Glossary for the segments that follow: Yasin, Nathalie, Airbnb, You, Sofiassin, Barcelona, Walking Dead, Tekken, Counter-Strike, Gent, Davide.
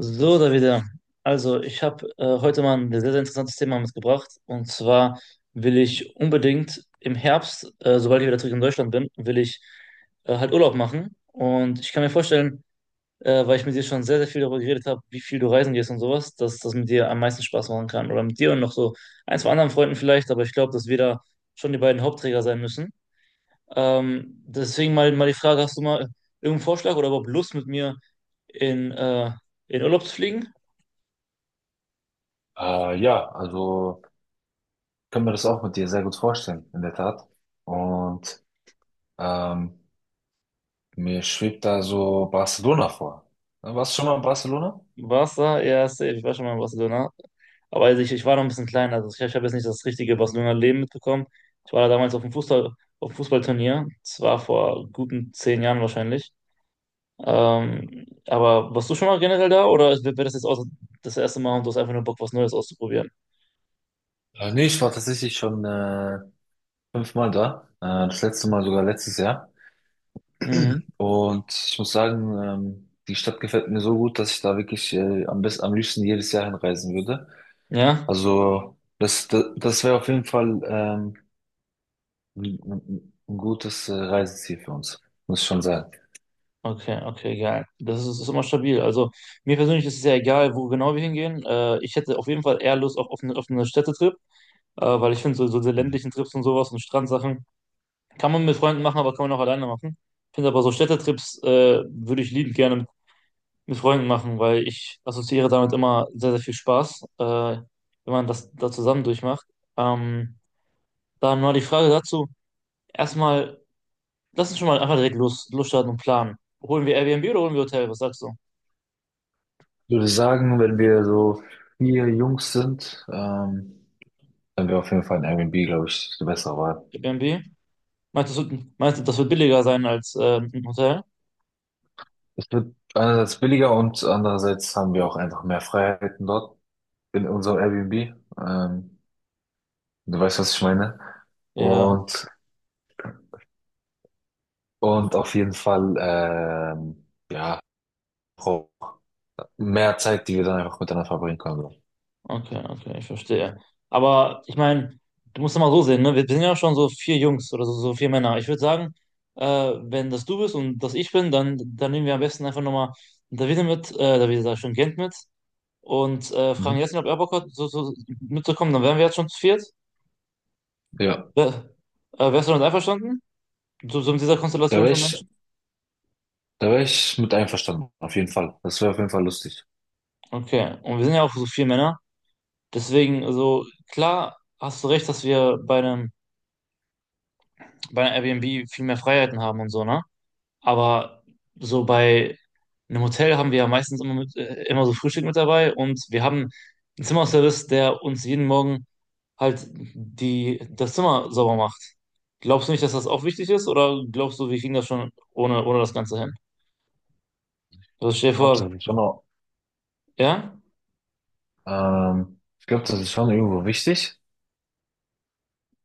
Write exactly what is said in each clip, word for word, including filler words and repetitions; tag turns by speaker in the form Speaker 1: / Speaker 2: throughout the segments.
Speaker 1: So, Davide. Also, ich habe äh, heute mal ein sehr, sehr interessantes Thema mitgebracht. Und zwar will ich unbedingt im Herbst, äh, sobald ich wieder zurück in Deutschland bin, will ich äh, halt Urlaub machen. Und ich kann mir vorstellen, äh, weil ich mit dir schon sehr, sehr viel darüber geredet habe, wie viel du reisen gehst und sowas, dass das mit dir am meisten Spaß machen kann. Oder mit dir und noch so ein, zwei anderen Freunden vielleicht. Aber ich glaube, dass wir da schon die beiden Hauptträger sein müssen. Ähm, deswegen mal, mal die Frage, hast du mal irgendeinen Vorschlag oder überhaupt Lust mit mir in, äh, in Urlaub zu fliegen?
Speaker 2: Äh, ja, also kann mir das auch mit dir sehr gut vorstellen, in der Tat. Und ähm, mir schwebt da so Barcelona vor. Äh, Warst du schon mal in Barcelona?
Speaker 1: Barca, ja, safe. Ich war schon mal in Barcelona. Aber also ich, ich war noch ein bisschen klein. Also ich, ich habe jetzt nicht das richtige Barcelona-Leben mitbekommen. Ich war da damals auf dem Fußball, auf dem Fußballturnier. Das war vor guten zehn Jahren wahrscheinlich. Ähm, aber warst du schon mal generell da oder wäre das jetzt auch das erste Mal und du hast einfach nur Bock, was Neues auszuprobieren?
Speaker 2: Äh, nee, ich war tatsächlich schon äh, fünfmal da. Äh, das letzte Mal sogar letztes Jahr.
Speaker 1: Mhm.
Speaker 2: Und ich muss sagen, ähm, die Stadt gefällt mir so gut, dass ich da wirklich äh, am besten, am liebsten jedes Jahr hinreisen würde.
Speaker 1: Ja?
Speaker 2: Also das, das, das wäre auf jeden Fall ähm, ein, ein ein gutes äh, Reiseziel für uns, muss ich schon sagen.
Speaker 1: Okay, okay, geil. Das ist, ist immer stabil. Also mir persönlich ist es ja egal, wo genau wir hingehen. Äh, ich hätte auf jeden Fall eher Lust auf, auf, eine- auf einen Städtetrip, äh, weil ich finde so, so diese ländlichen Trips und sowas und Strandsachen. Kann man mit Freunden machen, aber kann man auch alleine machen. Ich finde aber so Städtetrips äh, würde ich liebend gerne mit, mit Freunden machen, weil ich assoziiere damit immer sehr, sehr viel Spaß, äh, wenn man das da zusammen durchmacht. Ähm, dann mal die Frage dazu. Erstmal, lass uns schon mal einfach direkt los, losstarten und planen. Holen wir Airbnb oder holen wir Hotel? Was sagst du?
Speaker 2: Ich würde sagen, wenn wir so vier Jungs sind, ähm, dann wäre auf jeden Fall ein Airbnb, glaube ich, die bessere Wahl.
Speaker 1: Airbnb? Meinst du, es wird- meinst du, das wird billiger sein als äh, ein Hotel?
Speaker 2: Es wird einerseits billiger und andererseits haben wir auch einfach mehr Freiheiten dort in unserem Airbnb. Ähm, du weißt, was ich meine.
Speaker 1: Ja.
Speaker 2: Und, und auf jeden Fall, ähm, ja, auch mehr Zeit, die wir dann einfach miteinander verbringen können. So.
Speaker 1: Okay, okay, ich verstehe. Aber ich meine, du musst es mal so sehen, ne? Wir, wir sind ja schon so vier Jungs oder so, so vier Männer. Ich würde sagen, äh, wenn das du bist und das ich bin, dann, dann nehmen wir am besten einfach nochmal Davide mit, äh, Davide sag ich schon, Gent mit und äh, fragen
Speaker 2: Mhm.
Speaker 1: Yasin, ob er Bock hat, so, so mitzukommen. Dann wären wir jetzt schon zu viert.
Speaker 2: Ja,
Speaker 1: Wär, äh, wärst du damit einverstanden? So, so mit dieser
Speaker 2: da
Speaker 1: Konstellation
Speaker 2: wäre
Speaker 1: von
Speaker 2: ich,
Speaker 1: Menschen?
Speaker 2: da wäre ich mit einverstanden, auf jeden Fall. Das wäre auf jeden Fall lustig.
Speaker 1: Okay, und wir sind ja auch so vier Männer. Deswegen, also klar hast du recht, dass wir bei einem, bei einer Airbnb viel mehr Freiheiten haben und so, ne? Aber so bei einem Hotel haben wir ja meistens immer, mit, äh, immer so Frühstück mit dabei und wir haben einen Zimmerservice, der uns jeden Morgen halt die, das Zimmer sauber macht. Glaubst du nicht, dass das auch wichtig ist oder glaubst du, wir kriegen das schon ohne, ohne das Ganze hin? Also stell dir
Speaker 2: Ich glaube,
Speaker 1: vor,
Speaker 2: das ist schon.
Speaker 1: ja?
Speaker 2: Ähm, ich glaube, das ist schon irgendwo wichtig.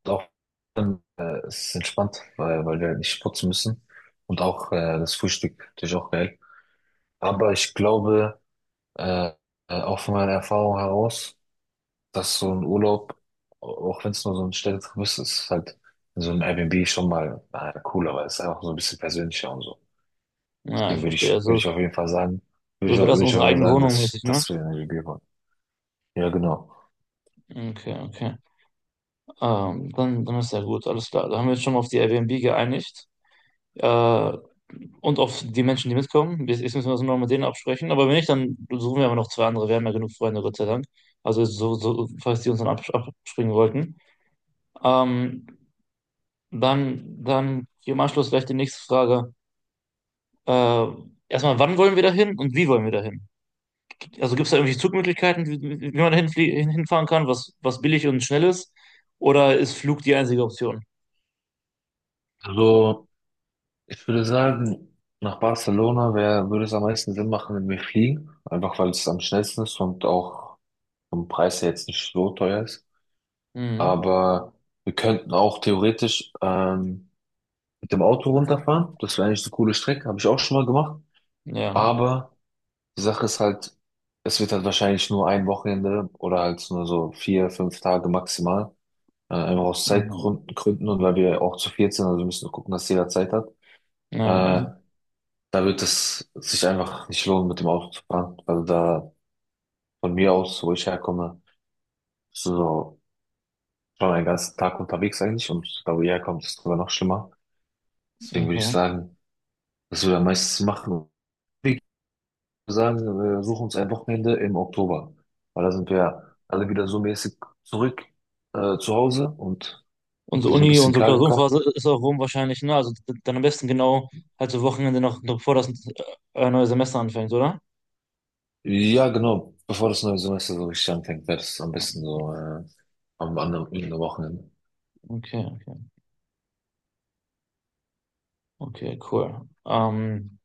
Speaker 2: Auch dann, äh, es ist entspannt, weil, weil wir halt nicht putzen müssen. Und auch äh, das Frühstück natürlich auch geil. Aber ich glaube, äh, äh, auch von meiner Erfahrung heraus, dass so ein Urlaub, au- auch wenn es nur so ein Städtetrip ist, ist halt in so einem Airbnb schon mal äh, cooler, weil es ist einfach so ein bisschen persönlicher und so.
Speaker 1: Ja, ich
Speaker 2: Deswegen würde
Speaker 1: verstehe.
Speaker 2: ich, würde
Speaker 1: Also,
Speaker 2: ich auf jeden Fall sagen, würde ich,
Speaker 1: das
Speaker 2: auch-
Speaker 1: wäre das
Speaker 2: würde ich auf
Speaker 1: unsere
Speaker 2: jeden Fall
Speaker 1: eigene
Speaker 2: sagen,
Speaker 1: Wohnung
Speaker 2: dass,
Speaker 1: mäßig, ne?
Speaker 2: dass wir in der W G waren. Ja, genau.
Speaker 1: Okay, okay. Ähm, dann, dann ist ja gut, alles klar. Da haben wir uns schon mal auf die Airbnb geeinigt. Äh, und auf die Menschen, die mitkommen. Jetzt jetzt müssen wir uns noch mit denen absprechen. Aber wenn nicht, dann suchen wir aber noch zwei andere. Wir haben ja genug Freunde, Gott sei Dank. Also so, so, falls die uns dann abs- abspringen wollten. Ähm, dann, dann hier im Anschluss gleich die nächste Frage. Äh, erstmal, wann wollen wir da hin und wie wollen wir da hin? Also gibt es da irgendwelche Zugmöglichkeiten, wie, wie wie man da hinflie- hin, hinfahren kann, was, was billig und schnell ist? Oder ist Flug die einzige Option?
Speaker 2: Also, ich würde sagen, nach Barcelona wär, würde es am meisten Sinn machen, wenn wir fliegen. Einfach weil es am schnellsten ist und auch vom Preis her jetzt nicht so teuer ist.
Speaker 1: Mhm.
Speaker 2: Aber wir könnten auch theoretisch ähm, mit dem Auto runterfahren. Das wäre eigentlich eine coole Strecke, habe ich auch schon mal gemacht.
Speaker 1: Ja.
Speaker 2: Aber die Sache ist halt, es wird halt wahrscheinlich nur ein Wochenende oder halt nur so vier, fünf Tage maximal. Äh, einfach aus
Speaker 1: Ah.
Speaker 2: Zeitgründen Gründen und weil wir auch zu viert sind, also wir müssen gucken, dass jeder Zeit hat.
Speaker 1: Ja,
Speaker 2: Äh, Da wird es sich einfach nicht lohnen, mit dem Auto zu fahren. Also da von mir aus, wo ich herkomme, bist du so schon einen ganzen Tag unterwegs eigentlich und da wo ihr herkommt, ist es sogar noch schlimmer. Deswegen würde ich
Speaker 1: okay.
Speaker 2: sagen, was wir da meistens machen, wir sagen, wir suchen uns ein Wochenende im Oktober. Weil da sind wir alle wieder so mäßig zurück äh, zu Hause und
Speaker 1: Unsere
Speaker 2: so ein
Speaker 1: Uni,
Speaker 2: bisschen
Speaker 1: unsere
Speaker 2: klargekommen.
Speaker 1: Klausurenphase ist auch rum wahrscheinlich, ne? Also d- dann am besten genau halt so Wochenende noch, noch bevor das äh, neue Semester anfängt, oder?
Speaker 2: Ja, genau, bevor das neue Semester so richtig anfängt, wäre das am besten so äh, am anderen Wochenende.
Speaker 1: Okay, okay. Okay, cool. Ähm,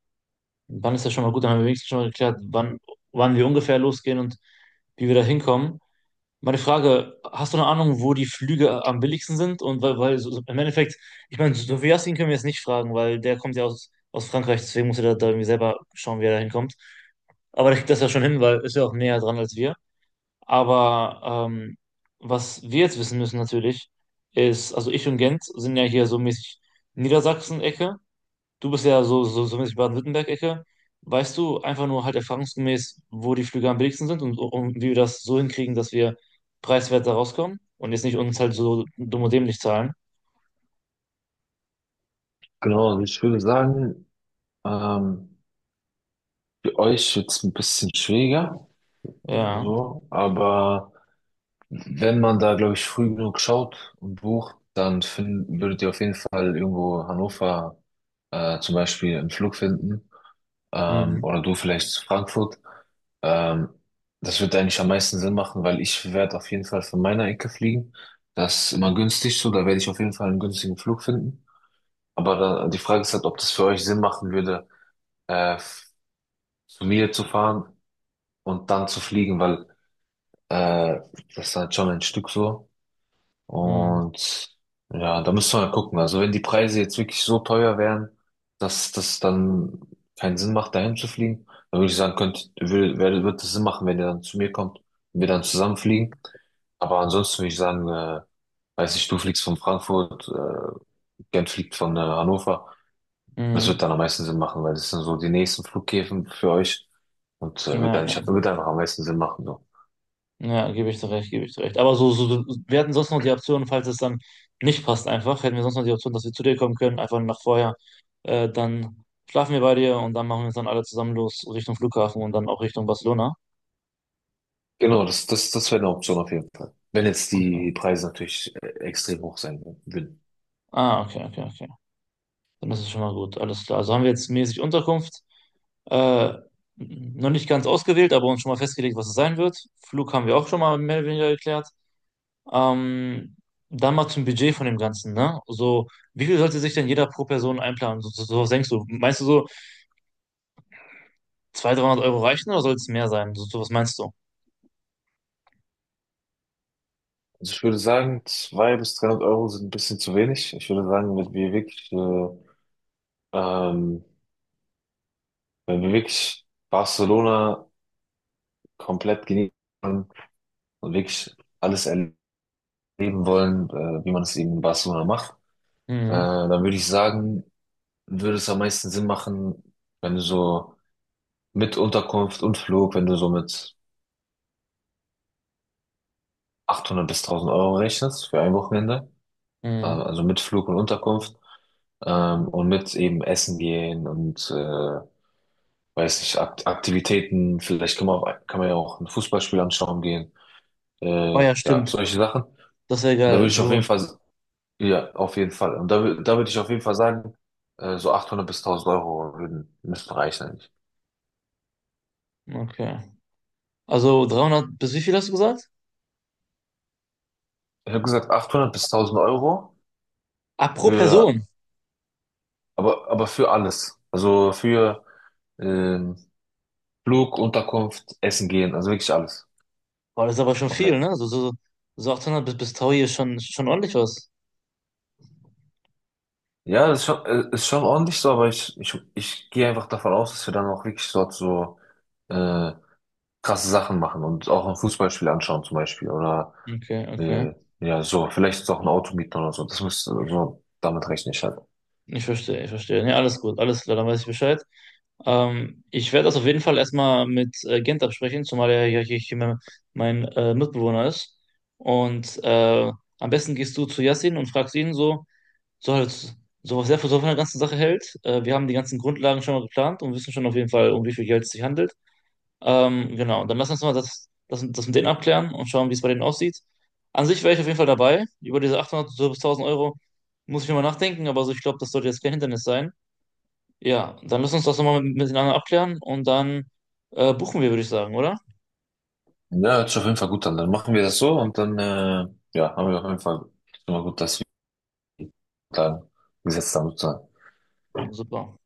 Speaker 1: dann ist ja schon mal gut, dann haben wir wenigstens schon mal geklärt, wann, wann wir ungefähr losgehen und wie wir da hinkommen. Meine Frage, hast du eine Ahnung, wo die Flüge am billigsten sind? Und weil, weil so, so im Endeffekt, ich meine, Sofiassin können wir jetzt nicht fragen, weil der kommt ja aus, aus Frankreich, deswegen muss er da, da irgendwie selber schauen, wie er da hinkommt. Aber der kriegt das ja schon hin, weil ist ja auch näher dran als wir. Aber ähm, was wir jetzt wissen müssen natürlich, ist, also ich und Gent sind ja hier so mäßig Niedersachsen-Ecke. Du bist ja so, so, so mäßig Baden-Württemberg-Ecke. Weißt du einfach nur halt erfahrungsgemäß, wo die Flüge am billigsten sind und, und wie wir das so hinkriegen, dass wir preiswert da rauskommen und jetzt nicht uns halt so dumm und dämlich zahlen?
Speaker 2: Genau, also ich würde sagen, ähm, für euch jetzt ein bisschen schwieriger,
Speaker 1: Ja.
Speaker 2: so, aber wenn man da, glaube ich, früh genug schaut und bucht, dann find, würdet ihr auf jeden Fall irgendwo Hannover äh, zum Beispiel einen Flug finden ähm,
Speaker 1: Mhm.
Speaker 2: oder du vielleicht zu Frankfurt. Ähm, das wird eigentlich am meisten Sinn machen, weil ich werde auf jeden Fall von meiner Ecke fliegen. Das ist immer günstig so, da werde ich auf jeden Fall einen günstigen Flug finden. Aber da, die Frage ist halt, ob das für euch Sinn machen würde, äh, zu mir zu fahren und dann zu fliegen, weil Äh, das ist halt schon ein Stück so.
Speaker 1: Mhm.
Speaker 2: Und ja, da müssen wir mal gucken. Also wenn die Preise jetzt wirklich so teuer wären, dass das dann keinen Sinn macht, dahin zu fliegen, dann würde ich sagen, könnt, will, wer- wird es Sinn machen, wenn ihr dann zu mir kommt und wir dann zusammen fliegen. Aber ansonsten würde ich sagen, äh, weiß nicht, du fliegst von Frankfurt, äh, Gent fliegt von äh, Hannover. Das
Speaker 1: Mhm.
Speaker 2: wird dann am meisten Sinn machen, weil das sind so die nächsten Flughäfen für euch und äh, wird
Speaker 1: Ja.
Speaker 2: eigentlich, wird einfach am meisten Sinn machen. So.
Speaker 1: Ja, gebe ich dir recht, gebe ich dir recht. Aber so, so, wir hatten sonst noch die Option, falls es dann nicht passt, einfach, hätten wir sonst noch die Option, dass wir zu dir kommen können, einfach nach vorher. Äh, dann schlafen wir bei dir und dann machen wir uns dann alle zusammen los Richtung Flughafen und dann auch Richtung Barcelona.
Speaker 2: Genau, das, das, das wäre eine Option auf jeden Fall. Wenn jetzt
Speaker 1: Okay.
Speaker 2: die Preise natürlich äh, extrem hoch sein würden.
Speaker 1: Ah, okay, okay, okay. Dann ist es schon mal gut, alles klar. Also haben wir jetzt mäßig Unterkunft. Äh, noch nicht ganz ausgewählt, aber uns schon mal festgelegt, was es sein wird. Flug haben wir auch schon mal mehr oder weniger geklärt. Ähm, dann mal zum Budget von dem Ganzen, ne? So, wie viel sollte sich denn jeder pro Person einplanen? So, so, so was denkst du? Meinst du so zweihundert, dreihundert Euro reichen oder soll es mehr sein? So, so was meinst du?
Speaker 2: Also ich würde sagen, zweihundert bis dreihundert Euro sind ein bisschen zu wenig. Ich würde sagen, wenn wir wirklich, äh, ähm, wenn wir wirklich Barcelona komplett genießen wollen und wirklich alles erleben wollen, äh, wie man es eben in Barcelona macht, äh,
Speaker 1: Mhm,
Speaker 2: dann würde ich sagen, würde es am meisten Sinn machen, wenn du so mit Unterkunft und Flug, wenn du so mit achthundert bis tausend Euro rechnest für ein Wochenende. äh,
Speaker 1: mhm.
Speaker 2: also mit Flug und Unterkunft ähm, und mit eben Essen gehen und äh, weiß nicht, Ak Aktivitäten, vielleicht kann man, auch, kann man ja auch ein Fußballspiel anschauen gehen,
Speaker 1: Oh
Speaker 2: äh,
Speaker 1: ja,
Speaker 2: ja,
Speaker 1: stimmt.
Speaker 2: solche Sachen. Und
Speaker 1: Das wäre
Speaker 2: da würde
Speaker 1: geil.
Speaker 2: ich auf jeden
Speaker 1: So,
Speaker 2: Fall, ja, auf jeden Fall. Und da, wür- da würde ich auf jeden Fall sagen, äh, so achthundert bis tausend Euro würden, müssten reichen eigentlich.
Speaker 1: okay. Also dreihundert bis wie viel hast du gesagt?
Speaker 2: Ich habe gesagt achthundert bis tausend Euro
Speaker 1: Ah, pro
Speaker 2: für,
Speaker 1: Person.
Speaker 2: aber, aber für alles. Also für ähm, Flug, Unterkunft, Essen gehen, also wirklich alles.
Speaker 1: Boah, das ist aber schon viel,
Speaker 2: Komplett.
Speaker 1: ne? So, so, so achthundert bis, bis tausend ist schon, schon ordentlich was.
Speaker 2: Ja, das ist schon, äh, ist schon ordentlich so, aber ich, ich, ich gehe einfach davon aus, dass wir dann auch wirklich dort so äh, krasse Sachen machen und auch ein Fußballspiel anschauen zum Beispiel oder
Speaker 1: Okay, okay.
Speaker 2: äh, ja, so, vielleicht ist auch ein Auto mieten oder so. Das müsste, so damit rechne ich halt.
Speaker 1: Ich verstehe, ich verstehe. Nee, alles gut, alles klar, dann weiß ich Bescheid. Ähm, ich werde das auf jeden Fall erstmal mit äh, Gent absprechen, zumal er ja hier, hier mein, mein äh, Mitbewohner ist. Und äh, am besten gehst du zu Yassin und fragst ihn so, so halt, so was er für so von der ganzen Sache hält. Äh, wir haben die ganzen Grundlagen schon mal geplant und wissen schon auf jeden Fall, um wie viel Geld es sich handelt. Ähm, genau, dann lass uns mal das, das, das mit denen abklären und schauen, wie es bei denen aussieht. An sich wäre ich auf jeden Fall dabei. Über diese achthundert bis tausend Euro muss ich nochmal nachdenken, aber so, ich glaube, das sollte jetzt kein Hindernis sein. Ja, dann müssen wir uns das nochmal miteinander abklären und dann äh, buchen wir, würde ich sagen, oder?
Speaker 2: Ja, hört sich auf jeden Fall gut an. Dann machen wir das so und dann äh, ja, haben wir auf jeden Fall schon mal gut, dass wir dann gesetzt haben sozusagen.
Speaker 1: Super.